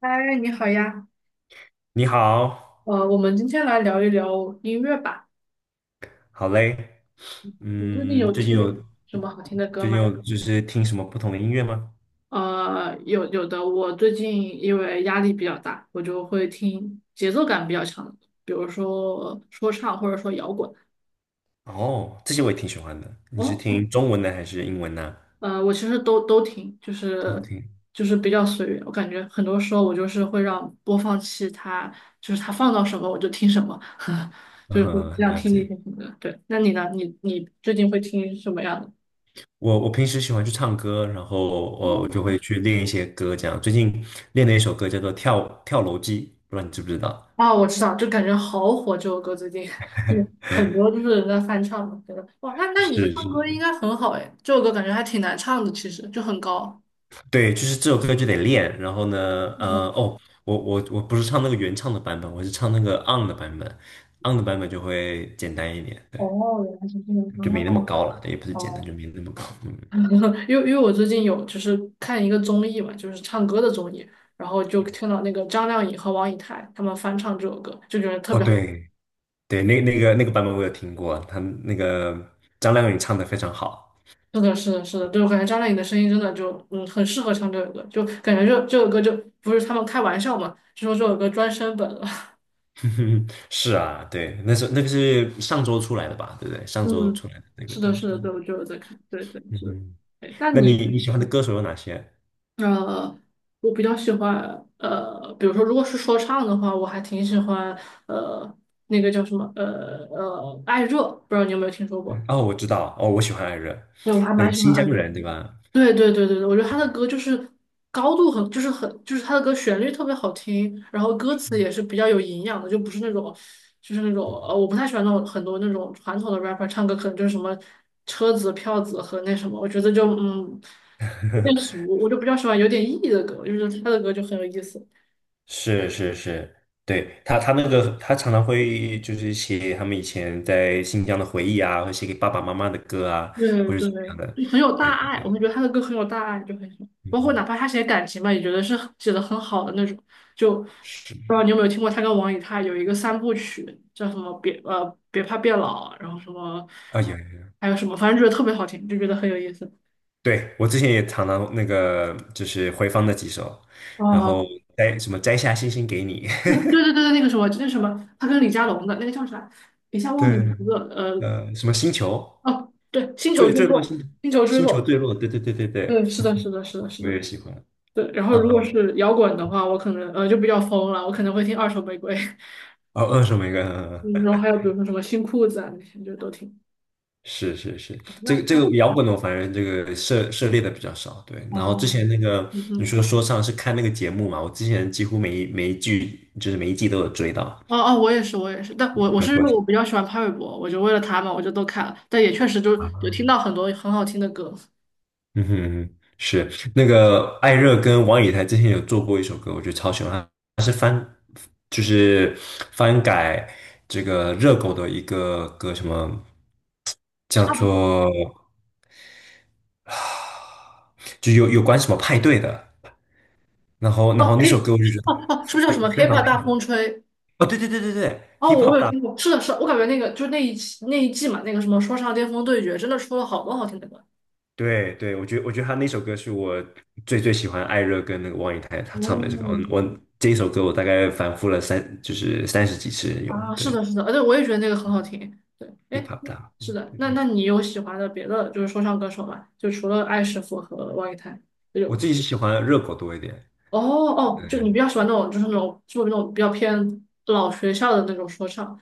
嗨，你好呀，你好，我们今天来聊一聊音乐吧。好嘞。你最近嗯，有最近有听什么好听的歌最近吗？有就是听什么不同的音乐吗？呃，有的，我最近因为压力比较大，我就会听节奏感比较强的歌比如说说唱或者说摇滚。哦，这些我也挺喜欢的。你是哦，听中文的还是英文呢？我其实都听，就都是听。就是比较随缘。我感觉很多时候我就是会让播放器它就是它放到什么我就听什么，就是会这嗯，样了听那解。些什么的。对，那你呢？你最近会听什么样的？我平时喜欢去唱歌，然后我就会去练一些歌，这样。最近练了一首歌叫做《跳跳楼机》，不知道你知不知道？啊，我知道，就感觉好火这首歌最近，就很多就是人在翻唱嘛，觉得哇，那你是唱歌应是，该很好哎，这首歌感觉还挺难唱的，其实就很高。对，就是这首歌就得练。然后呢，嗯，哦，我不是唱那个原唱的版本，我是唱那个 on 的版本，on 的版本就会简单一点，对，哦，原来是这样就没啊，那么高了，对，也不是简单，哦，就没那么高。嗯，因为我最近有就是看一个综艺嘛，就是唱歌的综艺，然后就听到那个张靓颖和王以太他们翻唱这首歌，就觉得特哦，别好。对对，那个版本我有听过，他那个张靓颖唱的非常好。是的，是的，是的，就我感觉张靓颖的声音真的就嗯很适合唱这首歌，就感觉这首歌就不是他们开玩笑嘛，就说这首歌专升本了。是啊，对，那个是上周出来的吧，对不对？上周嗯，出来的那个是的，东是西。的，对，我就有在看，对对嗯是哼，对。哎那那你你比喜欢的嗯歌手有哪些？呃，我比较喜欢比如说如果是说唱的话，我还挺喜欢呃那个叫什么艾热，不知道你有没有听说过？哦，我知道，哦，我喜欢艾热，对，我还那蛮个喜欢新艾疆热。人，对吧？对对对对对，我觉得他的歌就是高度很，就是很，就是他的歌旋律特别好听，然后歌词也是比较有营养的，就不是那种，就是那种我不太喜欢那种很多那种传统的 rapper 唱歌，可能就是什么车子、票子和那什么，我觉得就嗯有点 俗，我就比较喜欢有点意义的歌，就是他的歌就很有意思。是是是，对，他他那个他常常会就是写他们以前在新疆的回忆啊，会写给爸爸妈妈的歌啊，对或者对，怎么样的。就很有对大对爱，我对，会觉得他的歌很有大爱，就很喜欢。嗯包括哪嗯，怕他写感情吧，也觉得是写的很好的那种。就不是，知道你有没有听过他跟王以太有一个三部曲，叫什么别别怕变老，然后什么啊有，有还有什么，反正觉得特别好听，就觉得很有意思。对，我之前也常常那个就是回放那几首，然后哦，摘什么摘下星星给你，那对对对对，那个什么，那什么，他跟李佳隆的那个叫啥，一下 忘记名对，字了，呃，什么星球哦，对，星球坠坠坠落落，星星球坠星球落，坠落，对对对对对，对，是的，是的，是的，是我的。也喜欢。对，然后嗯如果是摇滚的话，我可能就比较疯了，我可能会听二手玫瑰，哦，二手玫瑰，嗯 嗯嗯，嗯然后还有比如说什么新裤子啊那些就都听。是是是，那这个那摇滚的我反正这个涉猎的比较少，对。然后之前哦，那个嗯你哼，说说唱是看那个节目嘛，我之前几乎每一季就是每一季都有追到。哦哦，我也是，我也是，但我能是因够为我比较喜欢潘玮柏，我就为了他嘛，我就都看了，但也确实就有听到很多很好听的歌，嗯哼嗯哼，是那个艾热跟王以太之前有做过一首歌，我觉得超喜欢，就是翻改这个热狗的一个歌，什么叫差不多。做啊就有关什么派对的，然后然哦后那首，K，歌我就觉哦得哦，是不是叫非什么非常。《K-pop 大风吹》？哦，对对对对对哦，，hip 我 hop 有大，听过，是的，是的，我感觉那个就那一期那一季嘛，那个什么说唱巅峰对决，真的出了好多好听的歌。对对，我觉得他那首歌是我最最喜欢艾热跟那个王以太他唱的这个，我哦，我这一首歌我大概反复了三就是30几次有，啊，是对的，是的，对，我也觉得那个很好听。对，，hip 哎，hop 大，是嗯的，那那嗯，你有喜欢的别的就是说唱歌手吗？就除了艾师傅和王以太，就有我自己是喜欢热狗多一点，哦哦，对，就你比较喜欢那种就是那种就是那种比较偏老学校的那种说唱，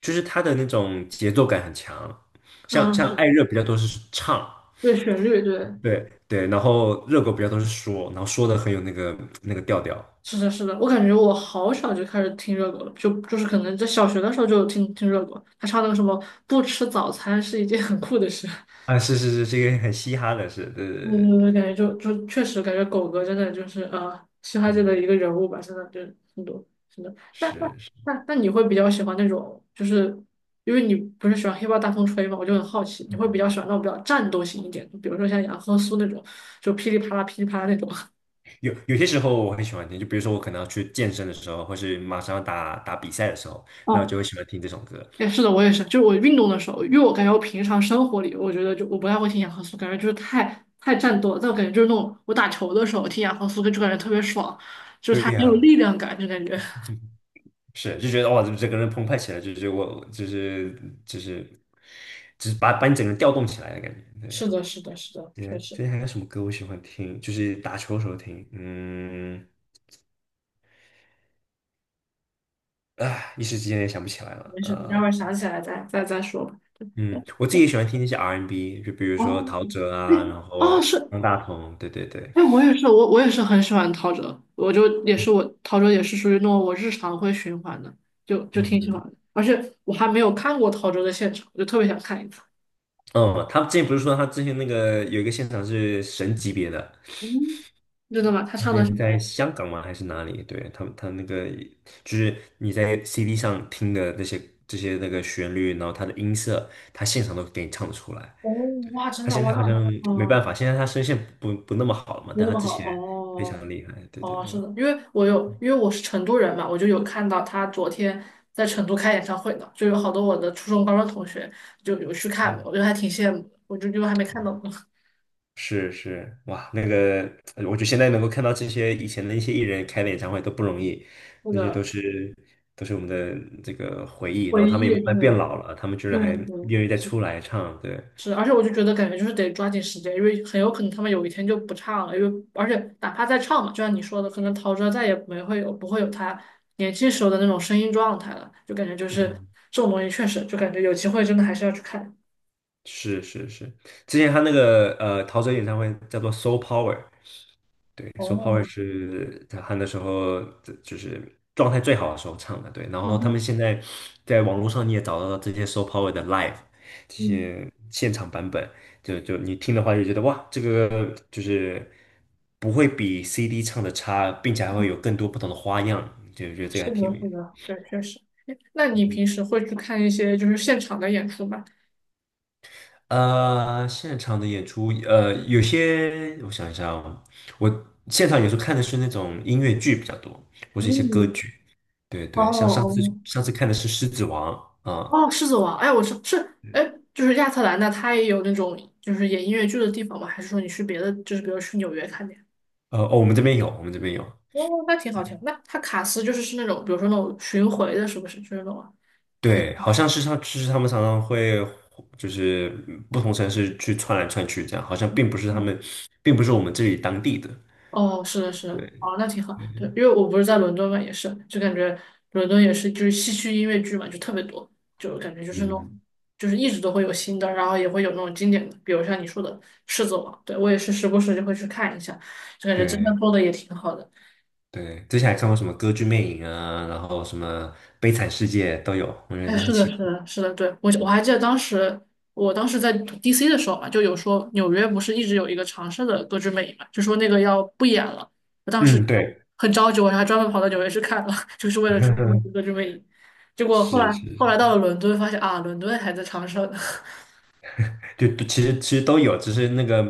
就是他的那种节奏感很强，像嗯，像是艾热比较多是唱，对，旋律，对，对对，然后热狗比较多是说，然后说的很有那个调调，是的，是的，我感觉我好小就开始听热狗了，就就是可能在小学的时候就听热狗，他唱那个什么不吃早餐是一件很酷的事。啊，是是是，是一个很嘻哈的，是，对对我我对，我感觉就就确实感觉狗哥真的就是嘻哈界的嗯，一个人物吧，真的就是很多真的。那那是。那那你会比较喜欢那种，就是因为你不是喜欢黑豹大风吹嘛，我就很好奇，你会比较喜欢那种比较战斗型一点的，比如说像杨和苏那种，就噼里啪啦噼里啪啦那种。有些时候我很喜欢听，就比如说我可能要去健身的时候，或是马上要打打比赛的时候，那我哦，就会喜欢听这种歌。哎，是的，我也是，就是我运动的时候，因为我感觉我平常生活里，我觉得就我不太会听杨和苏，感觉就是太太战斗了。但我感觉就是那种我打球的时候听杨和苏，就感觉特别爽，就是对他很有呀，力量感，就感觉。是就觉得哇，这整个人澎湃起来，就是我就是把你整个人调动起来的感觉。对，是的，是的，是的，之确前之实前还有什么歌我喜欢听？就是打球的时候听，一时之间也想不起来了。没事，你待会儿想起来再说吧。嗯，我自己也喜欢听那些 R&B,就比如说哦，陶喆哎，啊，然哦后是，方大同，对对对，哎，我也是，我也是很喜欢陶喆，我就也是我陶喆也是属于那种我日常会循环的，就就嗯。挺喜欢嗯的，而且我还没有看过陶喆的现场，我就特别想看一次。嗯，他之前不是说他之前那个有一个现场是神级别的，嗯，真的吗？他他之唱的什前么呀？在香港嘛还是哪里？对，他就是你在 CD 上听的这些旋律，然后他的音色，他现场都给你唱出来。哦，哇，真他的，现哇，在好那，像没办嗯。法，现在他声线不那么好了嘛，没但那他么之好前非哦，常厉害。对对哦，是对，的，因为我有，因为我是成都人嘛，我就有看到他昨天在成都开演唱会呢，就有好多我的初中、高中同学就有去看，嗯我觉得还挺羡慕的，我就就还没看到呢，是是，哇，我觉得现在能够看到这些以前的一些艺人开的演唱会都不容易，那那些都个是都是我们的这个回忆，然回后他们也忆，慢慢变老了，他们居然对还对对，愿意再是的出来唱，对，是，而且我就觉得感觉就是得抓紧时间，因为很有可能他们有一天就不唱了，因为而且哪怕再唱嘛，就像你说的，可能陶喆再也没会有不会有他年轻时候的那种声音状态了，就感觉就是嗯，这种东西确实就感觉有机会真的还是要去看。是是是，之前他陶喆演唱会叫做《Soul Power》,对 s o Power 哦，是在他的时候这就是状态最好的时候唱的，对。然嗯后他们哼，现在在网络上你也找到了这些 s o Power 的 live 这嗯，些现场版本，就你听的话就觉得哇，这个就是不会比 CD 唱的差，并且还会有更多不同的花样，就觉得这个是还挺的，有意是思。的，对，确实。诶那你平时会去看一些就是现场的演出吗？现场的演出，有些我想一下哦，我现场有时候看的是那种音乐剧比较多，或是一些歌嗯，剧。对哦对，像上次哦，上次看的是《狮子王》啊，哦，狮子王，哎，我是是，哎，就是亚特兰大，它也有那种就是演音乐剧的地方吗？还是说你去别的，就是比如去纽约看的呀哦，我们这边有，我们这边有。哦，那挺好听。那它卡斯就是是那种，比如说那种巡回的，是不是？就是那种啊。对，好像是像就是他们常常会就是不同城市去串来串去这样，好像并不是他嗯们，并不是我们这里当地的。哦，是的，是的，对，哦，那挺好。对，因为我不是在伦敦嘛，也是，就感觉伦敦也是，就是戏区音乐剧嘛，就特别多，就感觉就是那嗯，种，就是一直都会有新的，然后也会有那种经典的，比如像你说的《狮子王》，对，我也是时不时就会去看一下，就感觉真的对。做的也挺好的。对，之前还看过什么《歌剧魅影》啊，然后什么《悲惨世界》都有，我觉哎，得很是的，喜是欢。的，是的，对，我我还记得当时，我当时在 DC 的时候嘛，就有说纽约不是一直有一个长设的《歌剧魅影》嘛，就说那个要不演了。我当时嗯，对，很着急，我还专门跑到纽约去看了，就是为了去看那个 《歌剧魅影》。结果后来是是，是后来到了伦敦，发现啊，伦敦还在长设呢。就其实都有，只是那个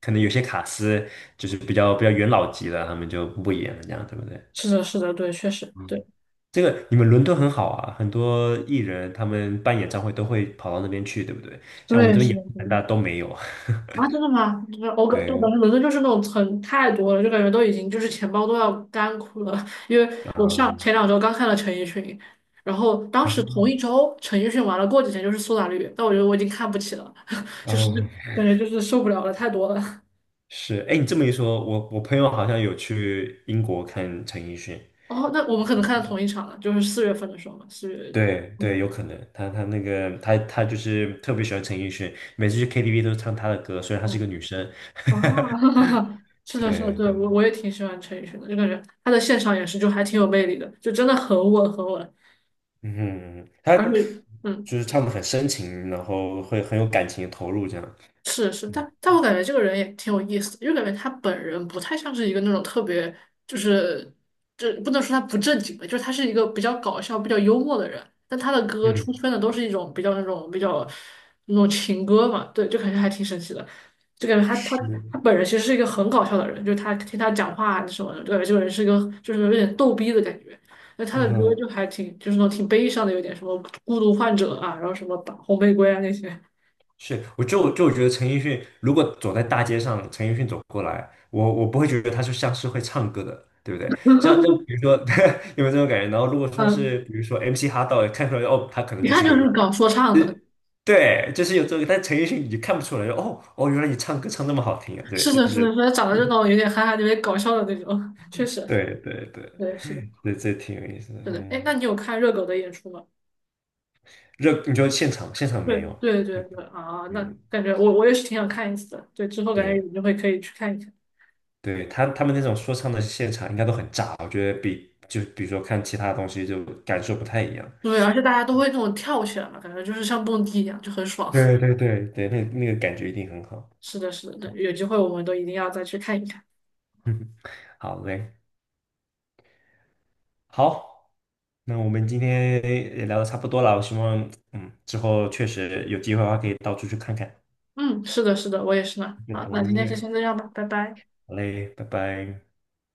可能有些卡司就是比较元老级的，他们就不演了，这样对不对？是的，是的，对，确实，嗯，对，这个你们伦敦很好啊，很多艺人他们办演唱会都会跑到那边去，对不对？像我们对，这边是亚的，特是的。兰大都没有。啊，真的吗？就是我 感，对，就我感觉伦敦就是那种层太多了，就感觉都已经就是钱包都要干枯了。因为我上嗯，前两周刚看了陈奕迅，然后当时啊，同一周陈奕迅完了，过几天就是苏打绿，但我觉得我已经看不起了，就是嗯感觉就是受不了了，太多了。是，哎，你这么一说，我朋友好像有去英国看陈奕迅，哦，那我们可能看到同一场了，就是四月份的时候嘛，四月就对对，有嗯可能，他他那个他他就是特别喜欢陈奕迅，每次去 KTV 都唱他的歌，虽然她是哦一个女生，啊，哈哈，是的，是的，对对我对，我也挺喜欢陈奕迅的，就感觉他的现场也是就还挺有魅力的，就真的很稳很稳，嗯，他而且。嗯。就是唱的很深情，然后会很有感情的投入这样，是是，嗯但但我感觉这个人也挺有意思的，因为感觉他本人不太像是一个那种特别，就是这不能说他不正经吧，就是他是一个比较搞笑、比较幽默的人，但他的歌嗯，出圈的都是一种比较那种比较那种情歌嘛，对，就感觉还挺神奇的，就感觉他他是，他本人其实是一个很搞笑的人，就是他听他讲话啊什么的，就感觉这个人是一个就是有点逗逼的感觉。那他的歌嗯。就还挺，就是那种挺悲伤的，有点什么孤独患者啊，然后什么吧红玫瑰啊那些。是，我就觉得陈奕迅如果走在大街上，陈奕迅走过来，我不会觉得他是像是会唱歌的，对不对？像比如 说 有没有这种感觉？然后如果说嗯，是比如说 MC 哈道，看出来哦，他可能一就看是一就个 是 rap,搞说唱就的，是对，就是有这个，但陈奕迅你就看不出来，哦哦，原来你唱歌唱那么好听啊，对，是就的，是的，是是的，长得就那种有点憨憨、有点搞笑的那种，确实，对对对，对，是的，这挺有意思的，是的。哎，嗯，那你有看热狗的演出吗？你说现场现场对，没有，对，对，对，啊，那嗯，感觉我也是挺想看一次的，对，之后感觉对。有机会可以去看一看。对他们那种说唱的现场应该都很炸，我觉得比如说看其他东西就感受不太一样。对，而且大家都会那种跳起来嘛，感觉就是像蹦迪一样，就很爽。对对对对，那个感觉一定很好。是的，是的，对，有机会我们都一定要再去看一看。嗯，好嘞，好，那我们今天也聊的差不多了，我希望之后确实有机会的话可以到处去看看，嗯，是的，是的，我也是呢。各好，种那今音天就乐。先这样吧，拜拜。好嘞，拜拜。